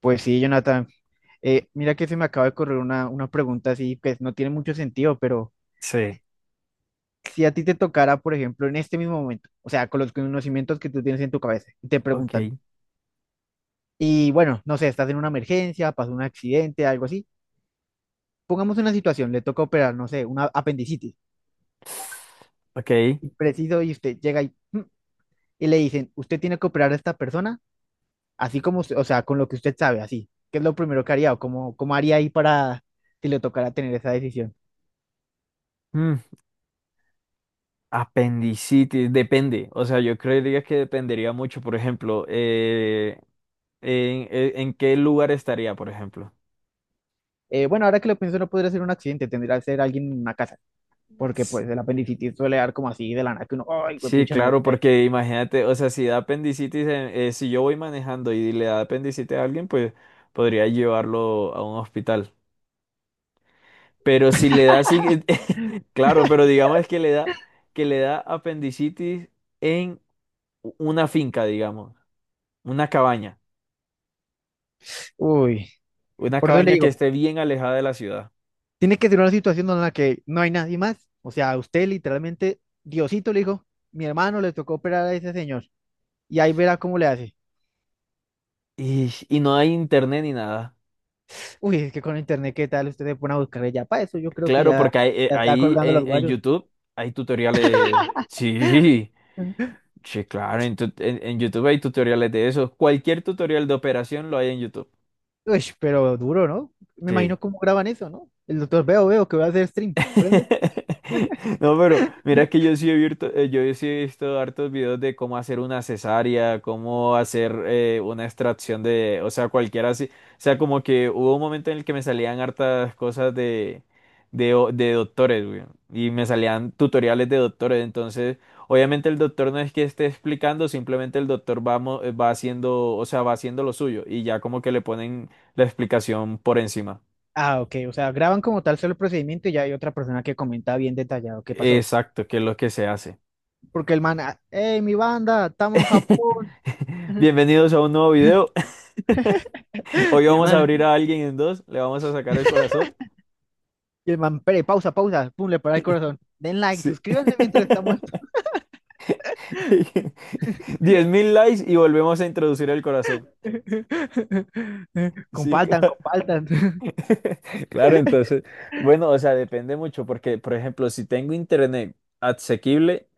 Pues sí, Jonathan. Mira que se me acaba de correr una pregunta así que no tiene mucho sentido, pero Sí. si a ti te tocara, por ejemplo, en este mismo momento, o sea, con los conocimientos que tú tienes en tu cabeza, y te preguntan, Ok. y bueno, no sé, estás en una emergencia, pasó un accidente, algo así, pongamos una situación, le toca operar, no sé, una apendicitis, Ok. y preciso, y usted llega y le dicen, usted tiene que operar a esta persona, así como, o sea, con lo que usted sabe, así, ¿qué es lo primero que haría o cómo haría ahí para si le tocara tener esa decisión? Mm, apendicitis, depende. O sea, yo creería que dependería mucho, por ejemplo, en qué lugar estaría, por ejemplo. Bueno, ahora que lo pienso, no podría ser un accidente, tendría que ser alguien en una casa, porque S- pues el apendicitis suele dar como así de la nada que uno, ay, güey, Sí, pucha, me duele claro, ahí". porque imagínate, o sea, si da apendicitis, si yo voy manejando y le da apendicitis a alguien, pues podría llevarlo a un hospital. Pero si le da así, claro, pero digamos que le da apendicitis en una finca, digamos, una cabaña. Uy, Una por eso le cabaña que digo, esté bien alejada de la ciudad. tiene que ser una situación en la que no hay nadie más. O sea, a usted literalmente, Diosito le dijo, mi hermano le tocó operar a ese señor, y ahí verá cómo le hace. Y no hay internet ni nada. Uy, es que con internet, ¿qué tal? Usted se pone a buscarle ya para eso, yo creo que Claro, ya, porque ya está ahí colgando en, los en guayos. YouTube hay tutoriales. Sí, sí, claro. En YouTube hay tutoriales de eso. Cualquier tutorial de operación lo hay en YouTube. Uy, pero duro, ¿no? Me Sí. imagino cómo graban eso, ¿no? El doctor, veo que voy a hacer stream. No, pero mira que yo sí he visto hartos videos de cómo hacer una cesárea, cómo hacer una extracción de, o sea, cualquiera así. O sea, como que hubo un momento en el que me salían hartas cosas de doctores, güey, y me salían tutoriales de doctores. Entonces, obviamente el doctor no es que esté explicando, simplemente el doctor va haciendo, o sea, va haciendo lo suyo y ya como que le ponen la explicación por encima. Ah, ok. O sea, graban como tal solo el procedimiento y ya hay otra persona que comenta bien detallado qué pasó. Exacto, que es lo que se hace. Porque el man, ah, hey, mi banda, estamos en Japón. Bienvenidos a un nuevo video. Hoy Y el vamos a abrir man, a alguien en dos, le vamos a sacar el corazón. y el man, "Pere, pausa. Pum, le para el corazón. Den like, Sí. suscríbanse mientras estamos. 10.000 likes y volvemos a introducir el corazón. Sí, Compartan, claro. compartan. Claro, entonces, bueno, o sea, depende mucho porque, por ejemplo, si tengo internet asequible.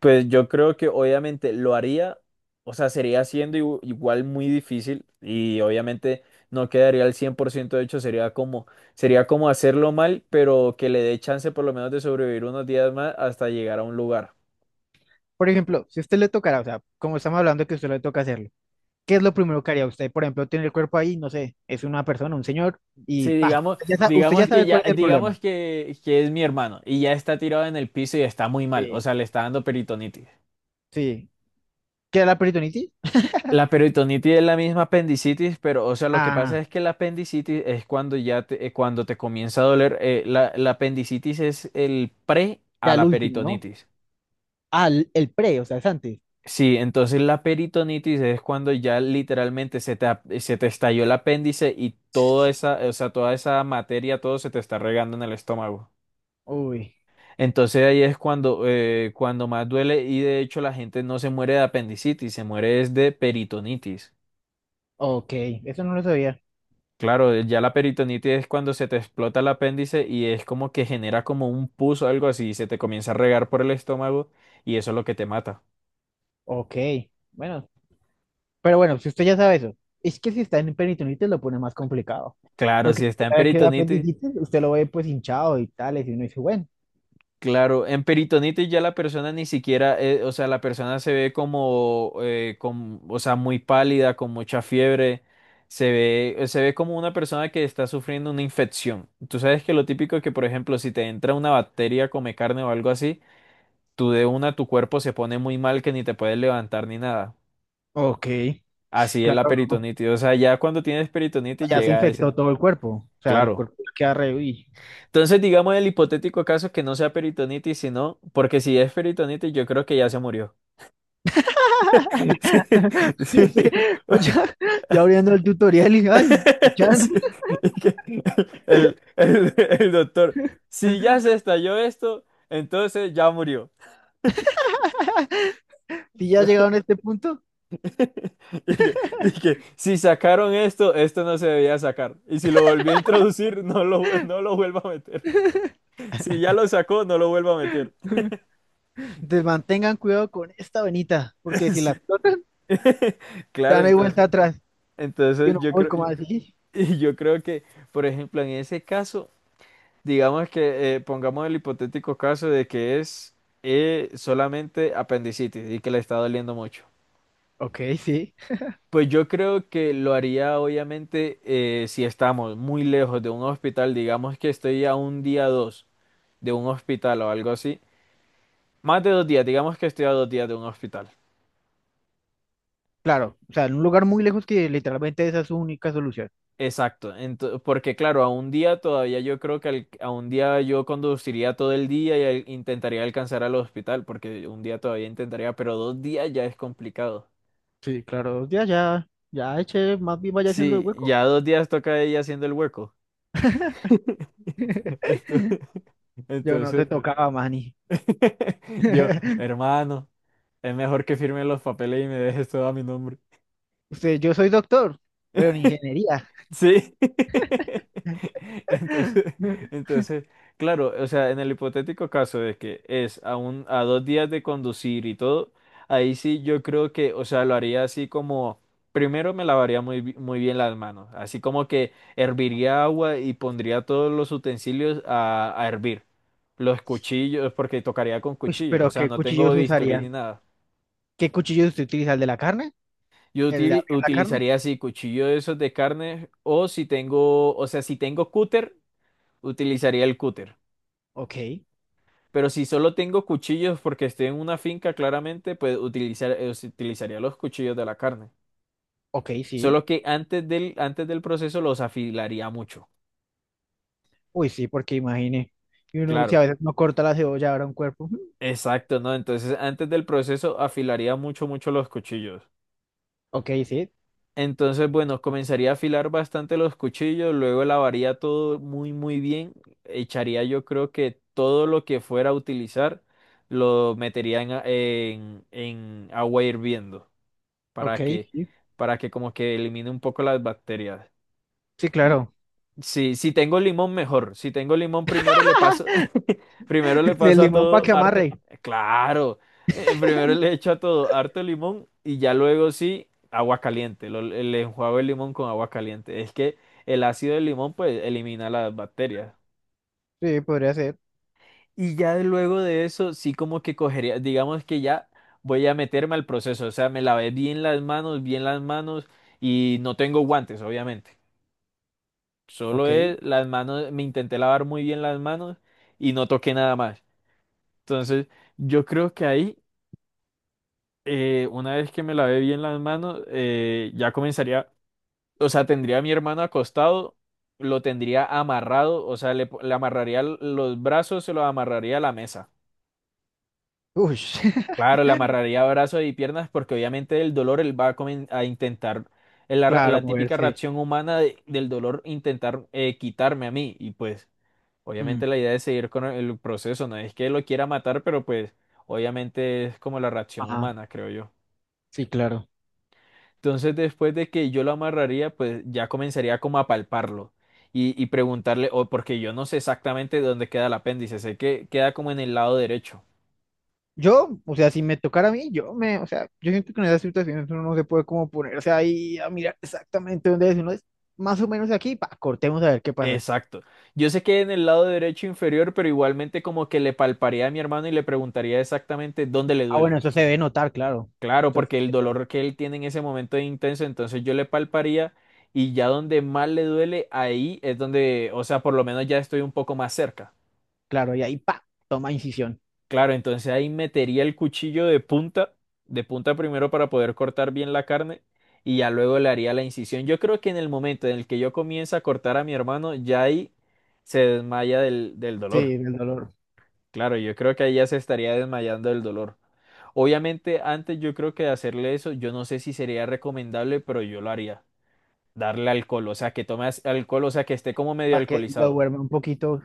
Pues yo creo que obviamente lo haría, o sea, sería siendo igual muy difícil y obviamente no quedaría al 100% hecho, sería como hacerlo mal, pero que le dé chance por lo menos de sobrevivir unos días más hasta llegar a un lugar. Por ejemplo, si a usted le tocará, o sea, como estamos hablando que a usted le toca hacerlo, ¿qué es lo primero que haría usted? Por ejemplo, tiene el cuerpo ahí, no sé, es una persona, un señor, y Sí, pa, digamos, usted ya digamos que sabe ya, cuál es el problema. digamos que es mi hermano y ya está tirado en el piso y está muy mal, o Sí. sea, le está dando peritonitis. Sí. ¿Qué era la peritonitis? La peritonitis es la misma apendicitis, pero, o sea, lo que pasa Ah. es que la apendicitis es cuando cuando te comienza a doler. La apendicitis es el pre a Ya el la último, ¿no? peritonitis. Ah, el pre, o sea, es antes. Sí, entonces la peritonitis es cuando ya literalmente se te estalló el apéndice y toda esa, o sea, toda esa materia, todo se te está regando en el estómago. Uy, Entonces ahí es cuando más duele y de hecho la gente no se muere de apendicitis, se muere es de peritonitis. ok, eso no lo sabía. Claro, ya la peritonitis es cuando se te explota el apéndice y es como que genera como un pus o algo así, y se te comienza a regar por el estómago y eso es lo que te mata. Ok, bueno, pero bueno, si usted ya sabe eso, es que si está en peritonitis lo pone más complicado, Claro, porque si si está usted en sabe que es peritonitis, apendicitis, usted lo ve pues hinchado y tales, y uno dice, bueno, claro, en peritonitis ya la persona ni siquiera, o sea, la persona se ve como muy pálida, con mucha fiebre, se ve como una persona que está sufriendo una infección. Tú sabes que lo típico es que, por ejemplo, si te entra una bacteria, come carne o algo así, tú de una tu cuerpo se pone muy mal que ni te puedes levantar ni nada. ok, Así es claro, la no, no, peritonitis. O sea, ya cuando tienes peritonitis ya se llega a ese. infectó todo el cuerpo, o sea, el Claro. cuerpo queda re, uy. Entonces, digamos el hipotético caso que no sea peritonitis, sino, porque si es peritonitis, yo creo que ya se murió. Sí, Sí, sí. no, ya, yo abriendo el tutorial y, ay, y ya, Sí. Y que El doctor, si ya se estalló esto, entonces ya murió. si ya llegaron a este punto. Y que si sacaron esto, esto no se debía sacar. Y si lo volvió a introducir, no lo vuelva a meter. Si ya lo sacó, no lo vuelva a meter. Entonces mantengan cuidado con esta venita, porque si la Sí. explotan, Claro, ya no hay vuelta entonces, atrás. Y entonces uno, yo uy, creo, ¿cómo así? y yo creo que, por ejemplo, en ese caso, digamos que pongamos el hipotético caso de que es solamente apendicitis y que le está doliendo mucho. Ok, sí, Pues yo creo que lo haría obviamente si estamos muy lejos de un hospital, digamos que estoy a un día o dos de un hospital o algo así, más de dos días, digamos que estoy a dos días de un hospital. claro. O sea, en un lugar muy lejos que literalmente esa es su única solución. Exacto, porque claro, a un día todavía yo creo que a un día yo conduciría todo el día y intentaría alcanzar al hospital, porque un día todavía intentaría, pero dos días ya es complicado. Sí, claro, ya eche, más bien vaya haciendo el Sí, hueco. ya dos días toca ella haciendo el hueco. Esto- Yo no te Entonces, tocaba, Manny. yo, hermano. Es mejor que firme los papeles y me dejes todo a mi nombre. Usted, yo soy doctor, pero en ingeniería. Sí. Entonces, entonces, claro, o sea, en el hipotético caso de que es a dos días de conducir y todo, ahí sí yo creo que, o sea, lo haría así como, primero me lavaría muy, muy bien las manos, así como que herviría agua y pondría todos los utensilios a, hervir, los cuchillos, porque tocaría con Uy, cuchillos, o pero sea, ¿qué no tengo cuchillos No bisturí usaría? ni nada. ¿Qué cuchillos usted utiliza? ¿El de la carne? Yo ¿El de abrir la carne? utilizaría así cuchillo de esos de carne o si tengo, o sea, si tengo cúter, utilizaría el cúter. Ok, Pero si solo tengo cuchillos porque estoy en una finca, claramente, pues utilizaría los cuchillos de la carne. ok, sí. Solo que antes del proceso los afilaría mucho. Uy, sí, porque imagine. Y uno, si a Claro. veces no corta la cebolla, ahora un cuerpo. Ujú, Exacto, ¿no? Entonces, antes del proceso afilaría mucho, mucho los cuchillos. ok, sí. Entonces, bueno, comenzaría a afilar bastante los cuchillos, luego lavaría todo muy, muy bien. Echaría yo creo que todo lo que fuera a utilizar lo metería en agua hirviendo Ok, para que, sí. para que como que elimine un poco las bacterias. Sí, claro. Sí, si tengo limón, mejor. Si tengo limón, primero le paso, primero le El paso a limón para todo que harto, amarre. claro, primero le echo a todo harto limón y ya luego sí, agua caliente. Le enjuago el limón con agua caliente. Es que el ácido del limón pues elimina las bacterias. Sí, podría ser. Y ya de luego de eso, sí como que cogería, digamos que ya voy a meterme al proceso, o sea, me lavé bien las manos y no tengo guantes, obviamente. Solo Ok. es las manos, me intenté lavar muy bien las manos y no toqué nada más. Entonces, yo creo que ahí, una vez que me lavé bien las manos, ya comenzaría, o sea, tendría a mi hermano acostado, lo tendría amarrado, o sea, le amarraría los brazos, se los amarraría a la mesa. Uy, Claro, le amarraría brazos y piernas porque obviamente el dolor él va a intentar, claro, la típica moverse. reacción humana del dolor, intentar quitarme a mí y pues. Obviamente Mm, la idea es seguir con el proceso, no es que lo quiera matar, pero pues obviamente es como la reacción ajá, humana, creo yo. sí, claro. Entonces después de que yo lo amarraría, pues ya comenzaría como a palparlo y preguntarle, o porque yo no sé exactamente dónde queda el apéndice, sé que queda como en el lado derecho. Yo, o sea, si me tocara a mí, o sea, yo siento que en esas situaciones uno no se puede como ponerse ahí a mirar exactamente dónde es. Uno es más o menos aquí, pa, cortemos a ver qué pasa. Exacto. Yo sé que en el lado derecho inferior, pero igualmente como que le palparía a mi hermano y le preguntaría exactamente dónde le Ah, bueno, duele. eso se debe notar, claro. Claro, Eso se porque el debe notar. dolor que él tiene en ese momento es intenso, entonces yo le palparía y ya donde más le duele, ahí es donde, o sea, por lo menos ya estoy un poco más cerca. Claro, y ahí, pa, toma incisión. Claro, entonces ahí metería el cuchillo de punta primero para poder cortar bien la carne y ya luego le haría la incisión. Yo creo que en el momento en el que yo comienza a cortar a mi hermano, ya ahí se desmaya del dolor. Sí, del dolor. Claro, yo creo que ahí ya se estaría desmayando del dolor. Obviamente, antes yo creo que de hacerle eso, yo no sé si sería recomendable, pero yo lo haría. Darle alcohol, o sea, que tome alcohol, o sea, que esté como medio Para que lo alcoholizado. duerma un poquito.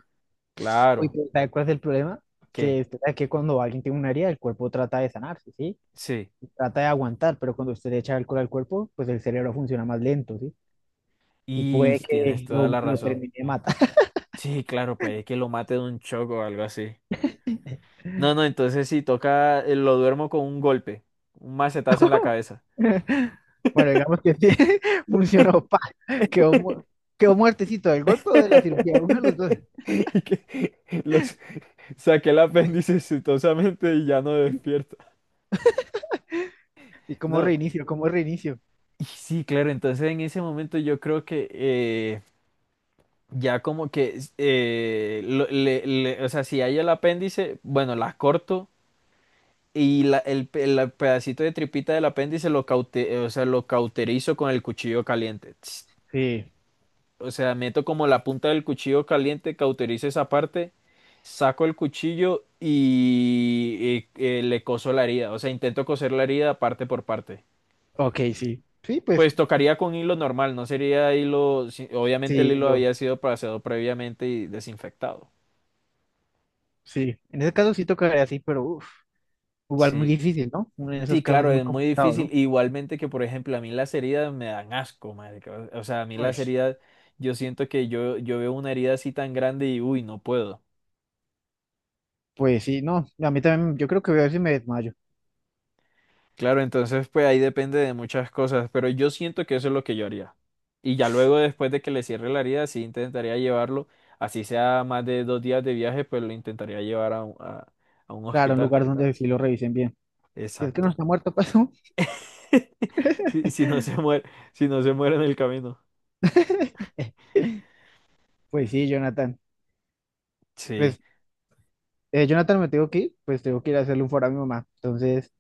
Uy, Claro, pero ¿sabes cuál es el problema? que Que, usted sabe que cuando alguien tiene una herida, el cuerpo trata de sanarse, ¿sí? sí. Trata de aguantar, pero cuando usted le echa alcohol al cuerpo, pues el cerebro funciona más lento, ¿sí? Y Y puede tienes que toda la lo razón. termine de matar. Sí, claro, puede que lo mate de un choco o algo así. No, no, entonces sí, toca, lo duermo con un golpe, un macetazo en la cabeza. Bueno, digamos que sí, funcionó, pa, quedó, mu- quedó muertecito del golpe o de la cirugía, uno de los dos. Y que los saqué el apéndice exitosamente y ya no despierta. ¿Y cómo No. reinicio? ¿Cómo reinicio? Y sí, claro, entonces en ese momento yo creo que ya como que o sea, si hay el apéndice, bueno, las corto y el pedacito de tripita del apéndice o sea, lo cauterizo con el cuchillo caliente. Sí, O sea, meto como la punta del cuchillo caliente, cauterizo esa parte, saco el cuchillo y, le coso la herida. O sea, intento coser la herida parte por parte. ok, sí. Sí, pues, Pues tocaría con hilo normal, no sería hilo. Obviamente el sí, hilo lo, había sido pasado previamente y desinfectado. sí. En ese caso sí tocaría así, pero uff. Igual muy Sí, difícil, ¿no? Uno en esos sí, casos claro, es muy es muy complicado, difícil. ¿no? Igualmente que, por ejemplo, a mí las heridas me dan asco, marica. O sea, a mí las Pues, heridas, yo siento que yo veo una herida así tan grande y uy, no puedo. pues sí, no, a mí también, yo creo que voy a ver si me desmayo. Claro, entonces pues ahí depende de muchas cosas, pero yo siento que eso es lo que yo haría. Y ya luego después de que le cierre la herida, sí intentaría llevarlo, así sea más de dos días de viaje, pues lo intentaría llevar a un Claro, un hospital. lugar donde sí lo revisen bien. Si es que no Exacto. está muerto, pasó. Si, si no se muere, si no se muere en el camino. Pues sí, Jonathan. Sí, Pues, Jonathan, me tengo que ir, pues tengo que ir a hacerle un foro a mi mamá. Entonces,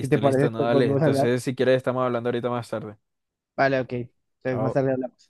si te parece, listo, no, después dale. volvemos a hablar. Entonces, si quieres, estamos hablando ahorita más tarde. Vale, ok. Entonces, más Chao. tarde hablamos.